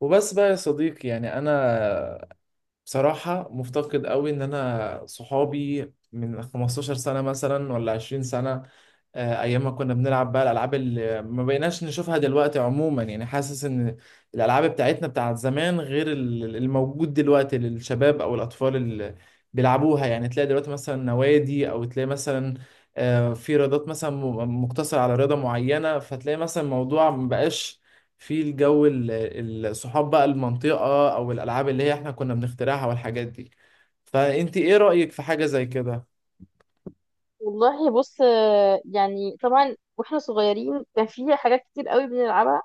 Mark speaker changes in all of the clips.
Speaker 1: وبس بقى يا صديقي، يعني انا بصراحة مفتقد قوي ان انا صحابي من 15 سنة مثلا ولا 20 سنة. ايام ما كنا بنلعب بقى الالعاب اللي ما بقيناش نشوفها دلوقتي. عموما يعني حاسس ان الالعاب بتاعتنا بتاعت زمان غير الموجود دلوقتي للشباب او الاطفال اللي بيلعبوها. يعني تلاقي دلوقتي مثلا نوادي او تلاقي مثلا في رياضات مثلا مقتصرة على رياضة معينة، فتلاقي مثلا الموضوع مبقاش في الجو الصحاب بقى، المنطقة او الالعاب اللي هي احنا كنا بنخترعها والحاجات دي. فانت ايه رأيك في حاجة زي كده؟
Speaker 2: والله بص، يعني طبعا واحنا صغيرين كان في حاجات كتير قوي بنلعبها.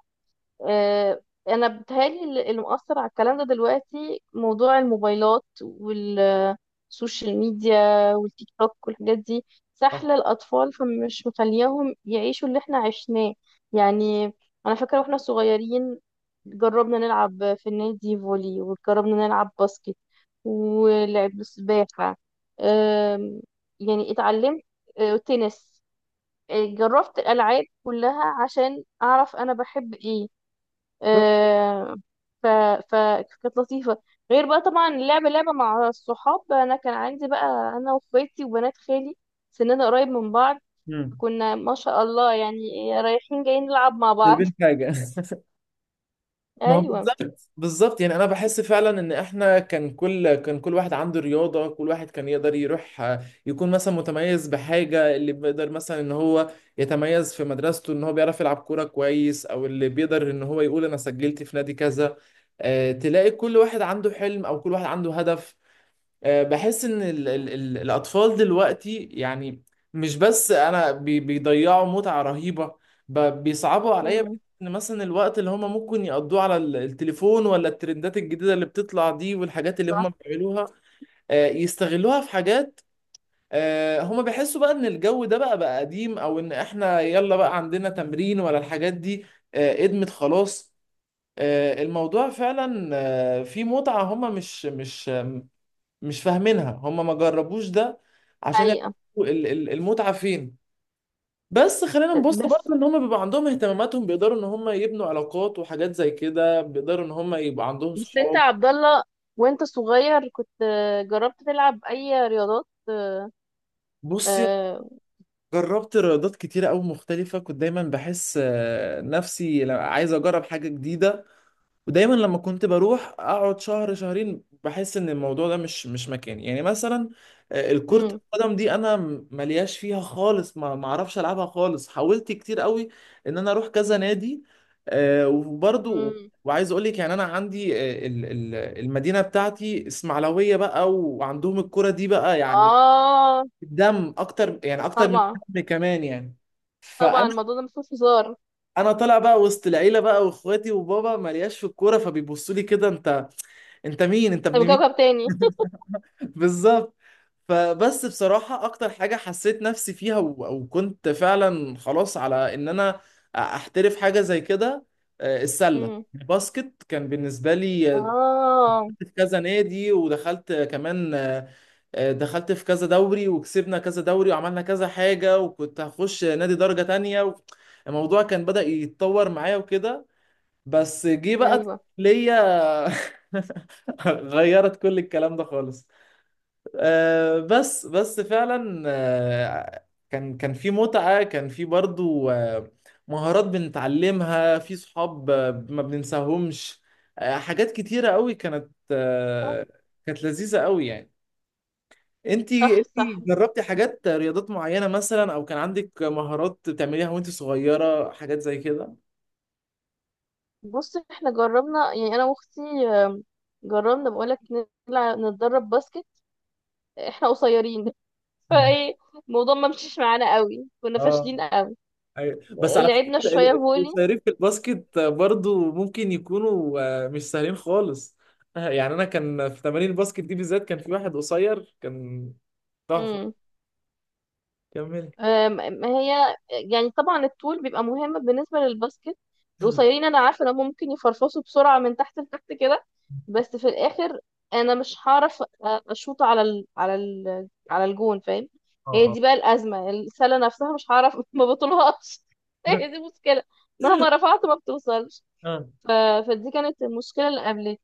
Speaker 2: آه، انا بتهيألي اللي مؤثر على الكلام ده دلوقتي موضوع الموبايلات والسوشيال ميديا والتيك توك والحاجات دي
Speaker 1: صح.
Speaker 2: سحلة الأطفال، فمش مخلياهم يعيشوا اللي احنا عشناه. يعني أنا فاكرة واحنا صغيرين جربنا نلعب في النادي فولي، وجربنا نلعب باسكت ولعب سباحة. آم، يعني اتعلمت تنس. جربت الألعاب كلها عشان أعرف أنا بحب إيه.
Speaker 1: بالظبط.
Speaker 2: آه، ف... فكانت لطيفة. غير بقى طبعا لعبة لعبة مع الصحاب، أنا كان عندي بقى أنا وأخواتي وبنات خالي سننا قريب من بعض.
Speaker 1: مم.
Speaker 2: كنا ما شاء الله يعني رايحين جايين نلعب مع بعض.
Speaker 1: سايبين حاجة. ما هو
Speaker 2: أيوة.
Speaker 1: بالظبط بالظبط، يعني انا بحس فعلا ان احنا كان كل واحد عنده رياضه، كل واحد كان يقدر يروح يكون مثلا متميز بحاجه، اللي بيقدر مثلا ان هو يتميز في مدرسته ان هو بيعرف يلعب كوره كويس، او اللي بيقدر ان هو يقول انا سجلت في نادي كذا. تلاقي كل واحد عنده حلم او كل واحد عنده هدف. بحس ان ال ال ال الاطفال دلوقتي، يعني مش بس انا بيضيعوا متعة رهيبة، بيصعبوا عليا. بحس
Speaker 2: مم.
Speaker 1: ان مثلا الوقت اللي هم ممكن يقضوه على التليفون ولا الترندات الجديدة اللي بتطلع دي والحاجات اللي
Speaker 2: صح.
Speaker 1: هم بيعملوها يستغلوها في حاجات. هم بيحسوا بقى ان الجو ده بقى قديم، او ان احنا يلا بقى عندنا تمرين ولا الحاجات دي. قدمت خلاص. الموضوع فعلا فيه متعة هم مش فاهمينها. هم ما جربوش ده عشان يعرفوا
Speaker 2: حقيقة.
Speaker 1: المتعة فين. بس خلينا نبص
Speaker 2: بس
Speaker 1: برضه ان هم بيبقى عندهم اهتماماتهم، بيقدروا ان هم يبنوا علاقات وحاجات زي كده، بيقدروا ان هم يبقى عندهم
Speaker 2: بس أنت يا
Speaker 1: صحاب.
Speaker 2: عبد الله وأنت صغير كنت جربت تلعب أي رياضات؟
Speaker 1: بصي،
Speaker 2: آه.
Speaker 1: جربت رياضات كتيرة أوي مختلفة. كنت دايما بحس نفسي عايز أجرب حاجة جديدة، ودايما لما كنت بروح اقعد شهر شهرين بحس ان الموضوع ده مش مكاني. يعني مثلا الكرة
Speaker 2: مم.
Speaker 1: القدم دي انا ملياش فيها خالص، ما اعرفش العبها خالص. حاولت كتير قوي ان انا اروح كذا نادي وبرضو.
Speaker 2: مم.
Speaker 1: وعايز اقول لك يعني انا عندي، المدينة بتاعتي اسماعيلوية بقى، وعندهم الكرة دي بقى يعني
Speaker 2: آه،
Speaker 1: الدم اكتر، يعني اكتر من
Speaker 2: طبعا.
Speaker 1: الدم كمان يعني.
Speaker 2: طبعا
Speaker 1: فانا
Speaker 2: الموضوع ده مفيهوش هزار.
Speaker 1: انا طالع بقى وسط العيله بقى، واخواتي وبابا ملياش في الكوره، فبيبصوا لي كده انت انت مين، انت
Speaker 2: ده من
Speaker 1: ابن مين؟
Speaker 2: كوكب تاني.
Speaker 1: بالظبط. فبس بصراحة اكتر حاجة حسيت نفسي فيها وكنت فعلا خلاص على ان انا احترف حاجة زي كده السلة،
Speaker 2: مم.
Speaker 1: باسكت كان بالنسبة لي
Speaker 2: اه.
Speaker 1: في كذا نادي ودخلت كمان دخلت في كذا دوري وكسبنا كذا دوري وعملنا كذا حاجة، وكنت هخش نادي درجة تانية الموضوع كان بدأ يتطور معايا وكده. بس جه بقى
Speaker 2: ايوه.
Speaker 1: ليا غيرت كل الكلام ده خالص. بس فعلا كان في متعة، كان في برضو مهارات بنتعلمها في صحاب ما بننساهمش. حاجات كتيرة قوي كانت
Speaker 2: صح
Speaker 1: كانت لذيذة قوي يعني. انتي
Speaker 2: صح صح.
Speaker 1: انتي جربتي حاجات، رياضات معينة مثلا، او كان عندك مهارات بتعمليها وانتي صغيرة، حاجات زي كده؟
Speaker 2: بص، احنا جربنا، يعني انا واختي، آم، جربنا بقولك نلعب نتدرب باسكت. احنا قصيرين فايه الموضوع ما مشيش معانا قوي، كنا فاشلين
Speaker 1: اه،
Speaker 2: قوي.
Speaker 1: أيوة. بس على
Speaker 2: لعبنا
Speaker 1: فكرة
Speaker 2: شويه فولي.
Speaker 1: الصيادين في الباسكت برضو ممكن يكونوا مش سهلين خالص. يعني أنا كان في تمارين الباسكت دي بالذات، كان في واحد قصير كان تحفة. كمل.
Speaker 2: أم- ما هي يعني طبعا الطول بيبقى مهم بالنسبة للباسكت.
Speaker 1: مم.
Speaker 2: القصيرين انا عارفة ان هم ممكن يفرفصوا بسرعة من تحت لتحت كده، بس في الاخر انا مش هعرف اشوط على على الجون، فاهم؟
Speaker 1: اه،
Speaker 2: هي
Speaker 1: اه.
Speaker 2: دي بقى الأزمة، السلة نفسها مش هعرف ما بطولهاش. هي دي مشكلة. مهما رفعت ما بتوصلش.
Speaker 1: اه،
Speaker 2: ف... فدي كانت المشكلة اللي قابلتني.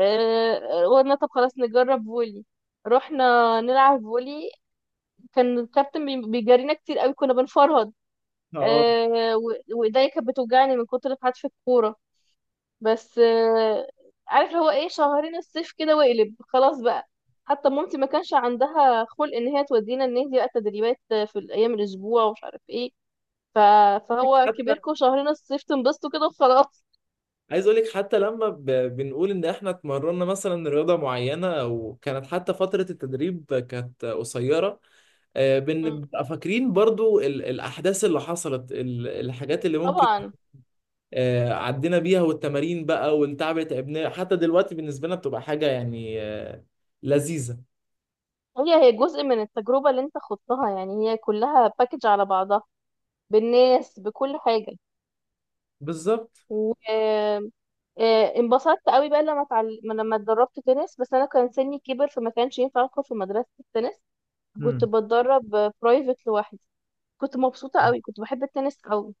Speaker 2: قلنا طب خلاص نجرب فولي. رحنا نلعب فولي. كان الكابتن بيجرينا كتير قوي، كنا بنفرهد.
Speaker 1: اه.
Speaker 2: آه، و- وايديا كانت بتوجعني من كتر حدف الكوره. بس عارف اللي هو ايه، شهرين الصيف كده واقلب خلاص بقى. حتى مامتي ما كانش عندها خلق ان هي تودينا النادي بقى تدريبات في الايام الاسبوع ومش عارف ايه. ف... فهو
Speaker 1: حتى
Speaker 2: كبركم شهرين الصيف تنبسطوا كده وخلاص.
Speaker 1: عايز اقول لك حتى لما بنقول ان احنا اتمرنا مثلا رياضه معينه، وكانت حتى فتره التدريب كانت قصيره،
Speaker 2: مم.
Speaker 1: بنبقى فاكرين برضو الاحداث اللي حصلت، الحاجات اللي ممكن
Speaker 2: طبعا.
Speaker 1: عدينا بيها، والتمارين بقى، والتعب اللي تعبناه. حتى دلوقتي بالنسبة لنا بتبقى حاجة يعني لذيذة.
Speaker 2: هي هي جزء من التجربه اللي انت خضتها، يعني هي كلها باكج على بعضها، بالناس بكل حاجه.
Speaker 1: بالظبط.
Speaker 2: و آه، انبسطت قوي بقى لما لما اتدربت تنس، بس انا كان سني كبر فما كانش ينفع ادخل في مدرسة التنس. كنت
Speaker 1: امم.
Speaker 2: بتدرب برايفت لوحدي. كنت مبسوطة قوي، كنت بحب التنس قوي.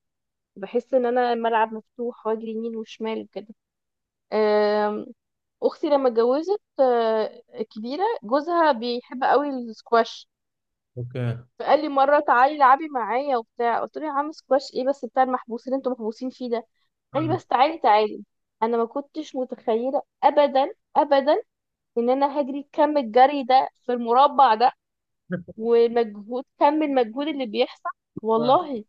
Speaker 2: بحس ان انا الملعب مفتوح واجري يمين وشمال وكده. آم، اختي لما اتجوزت كبيرة، جوزها بيحب قوي السكواش.
Speaker 1: اوكي.
Speaker 2: فقال لي مرة تعالي العبي معايا وبتاع، قلت له يا عم سكواش ايه بس بتاع المحبوسين اللي انتوا محبوسين فيه ده؟ قال لي
Speaker 1: اه.
Speaker 2: بس تعالي تعالي. انا ما كنتش متخيله ابدا ابدا ان انا هجري كم الجري ده في المربع ده، ومجهود كم المجهود اللي بيحصل.
Speaker 1: اه،
Speaker 2: والله.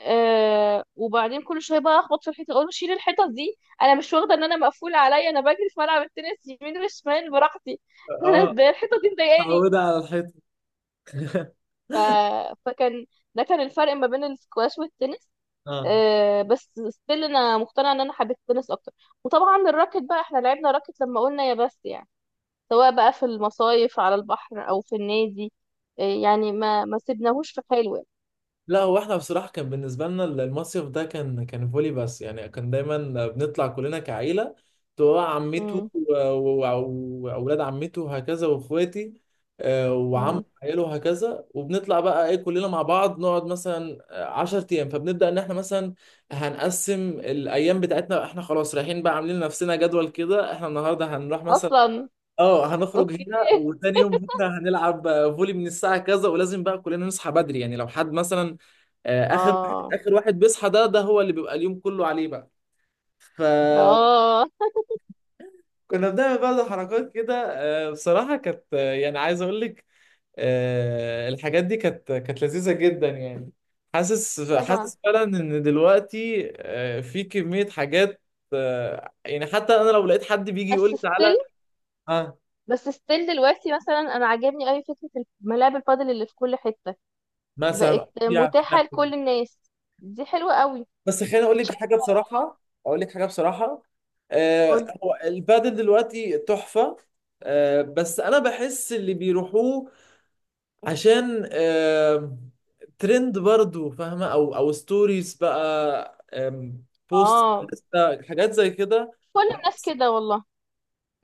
Speaker 2: آه، وبعدين كل شويه بقى اخبط في الحيطه، اقول له شيل الحيطه دي، انا مش واخده ان انا مقفول عليا، انا بجري في ملعب التنس يمين وشمال براحتي انا
Speaker 1: اه.
Speaker 2: ازاي الحيطه دي مضايقاني.
Speaker 1: اتعودة على الحيطة.
Speaker 2: ف... فكان ده كان الفرق ما بين السكواش والتنس.
Speaker 1: اه.
Speaker 2: بس ستيل انا مقتنعه ان انا حبيت التنس اكتر. وطبعا الراكت بقى احنا لعبنا راكت لما قلنا يا بس يعني، سواء بقى في المصايف على البحر او في النادي، يعني ما سيبناهوش في حاله يعني.
Speaker 1: لا، هو احنا بصراحة كان بالنسبة لنا المصيف ده كان فولي بس، يعني كان دايما بنطلع كلنا كعيلة، تبقى عمته
Speaker 2: مم.
Speaker 1: وأولاد عمته وهكذا، وإخواتي وعم
Speaker 2: مم.
Speaker 1: عياله وهكذا، وبنطلع بقى إيه كلنا مع بعض، نقعد مثلا 10 أيام. فبنبدأ إن إحنا مثلا هنقسم الأيام بتاعتنا، إحنا خلاص رايحين بقى، عاملين لنفسنا جدول كده، إحنا النهاردة هنروح مثلا
Speaker 2: اصلا.
Speaker 1: اه، هنخرج
Speaker 2: اوكي.
Speaker 1: هنا، وتاني يوم بكره هنلعب فولي من الساعه كذا، ولازم بقى كلنا نصحى بدري. يعني لو حد مثلا اخر واحد
Speaker 2: اه.
Speaker 1: اخر واحد بيصحى ده هو اللي بيبقى اليوم كله عليه بقى. فكنا
Speaker 2: اه.
Speaker 1: بنعمل بعض حركات كده. بصراحه كانت، يعني عايز اقول لك الحاجات دي كانت لذيذه جدا يعني. حاسس
Speaker 2: طبعا.
Speaker 1: حاسس فعلا ان دلوقتي في كميه حاجات يعني. حتى انا لو لقيت حد بيجي يقول
Speaker 2: بس
Speaker 1: لي
Speaker 2: ستيل
Speaker 1: تعالى اه
Speaker 2: بس ستيل دلوقتي مثلا انا عاجبني قوي فكره ملاعب البادل اللي في كل حته بقت
Speaker 1: مثلا يا فكره،
Speaker 2: متاحه لكل الناس. دي حلوه قوي.
Speaker 1: بس خليني اقول
Speaker 2: بتشجع
Speaker 1: لك حاجه بصراحه، اقول لك حاجه بصراحه،
Speaker 2: كل-
Speaker 1: آه هو البادل دلوقتي تحفه. بس انا بحس اللي بيروحوه عشان ترند برضو، فاهمه؟ او ستوريز بقى، بوست،
Speaker 2: اه
Speaker 1: لسه حاجات زي كده.
Speaker 2: كل الناس كده.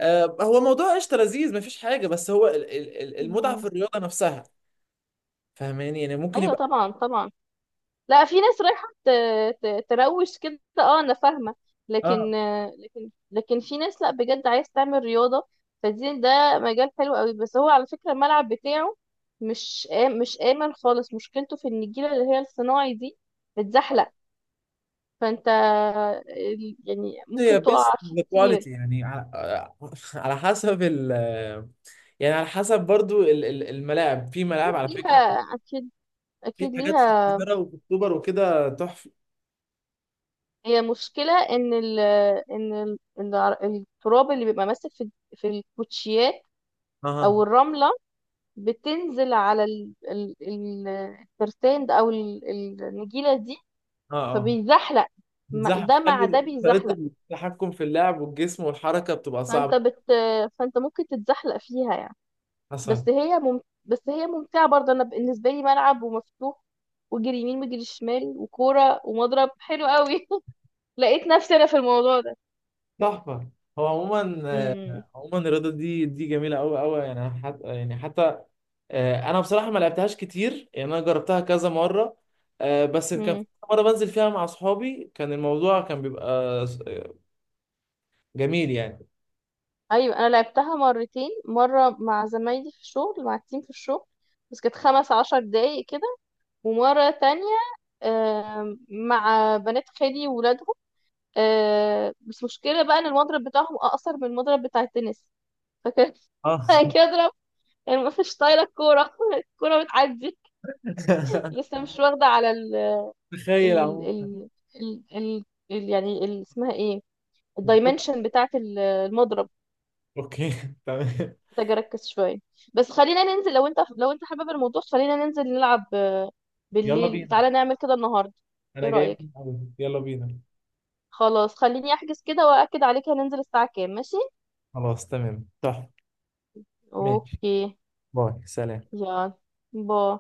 Speaker 1: هو موضوع قشطه لذيذ، مفيش حاجه، بس هو المتعه في
Speaker 2: والله.
Speaker 1: الرياضه نفسها، فاهماني يعني؟ ممكن
Speaker 2: ايوه
Speaker 1: يبقى
Speaker 2: طبعا طبعا. لا، في ناس رايحه تروش كده، اه انا فاهمه.
Speaker 1: اه
Speaker 2: لكن لكن في ناس لا، بجد عايز تعمل رياضه، فدي ده مجال حلو قوي. بس هو على فكره الملعب بتاعه مش مش امن خالص، مشكلته في ان النجيله اللي هي الصناعي دي بتزحلق. فانت يعني
Speaker 1: هي
Speaker 2: ممكن تقع
Speaker 1: بيست
Speaker 2: فيه
Speaker 1: كواليتي،
Speaker 2: كتير.
Speaker 1: يعني على على حسب ال، يعني على حسب برضو الملاعب. في ملاعب
Speaker 2: أكيد
Speaker 1: على فكرة
Speaker 2: ليها. اكيد.
Speaker 1: في
Speaker 2: اكيد
Speaker 1: حاجات في
Speaker 2: ليها.
Speaker 1: القاهرة وفي اكتوبر وكده تحفة.
Speaker 2: هي مشكله ان ان ال- التراب اللي بيبقى ماسك في الكوتشيات او
Speaker 1: اها.
Speaker 2: الرملة بتنزل على الترتان ده او النجيلة دي،
Speaker 1: اه، اه.
Speaker 2: فبيزحلق.
Speaker 1: بتزحف،
Speaker 2: ده مع ده
Speaker 1: تخلي طريقة
Speaker 2: بيزحلق.
Speaker 1: التحكم في اللعب والجسم والحركة بتبقى
Speaker 2: فانت
Speaker 1: صعبة.
Speaker 2: بت فانت ممكن تتزحلق فيها يعني.
Speaker 1: حصل.
Speaker 2: بس هي ممتعة برضه. انا بالنسبة لي ملعب ومفتوح وجري يمين وجري شمال وكورة ومضرب، حلو قوي لقيت نفسي انا في الموضوع ده.
Speaker 1: تحفة. هو عموما
Speaker 2: امم.
Speaker 1: آه، عموما الرياضة دي دي جميلة أوي أوي، يعني حتى انا بصراحه ما لعبتهاش كتير، يعني انا جربتها كذا مره بس كان في
Speaker 2: امم.
Speaker 1: مره بنزل فيها مع اصحابي كان الموضوع كان بيبقى جميل يعني.
Speaker 2: ايوه، انا لعبتها مرتين، مرة مع زمايلي في الشغل مع التيم في الشغل، بس كانت 15 دقايق كده. ومرة تانية مع بنات خالي وولادهم. بس مشكلة بقى ان المضرب بتاعهم اقصر من المضرب بتاع التنس. فكان
Speaker 1: اه.
Speaker 2: كده اضرب، يعني ما فيش طايله الكوره الكوره بتعدي، لسه مش واخده على ال
Speaker 1: تخيل.
Speaker 2: ال
Speaker 1: عموما
Speaker 2: ال ال, ال, ال يعني ال اسمها ايه، الدايمنشن بتاعه ال- المضرب.
Speaker 1: اوكي تمام.
Speaker 2: محتاجه اركز شويه. بس خلينا ننزل، لو انت حابب الموضوع خلينا ننزل نلعب
Speaker 1: يلا
Speaker 2: بالليل،
Speaker 1: بينا.
Speaker 2: تعالى نعمل كده النهارده.
Speaker 1: انا
Speaker 2: ايه
Speaker 1: جاي من
Speaker 2: رايك؟
Speaker 1: الأول. يلا بينا.
Speaker 2: خلاص خليني احجز كده واكد عليك، هننزل الساعة كام؟ ماشي.
Speaker 1: خلاص تمام تحفه. ماشي.
Speaker 2: اوكي.
Speaker 1: باي، سلام.
Speaker 2: يلا. باي.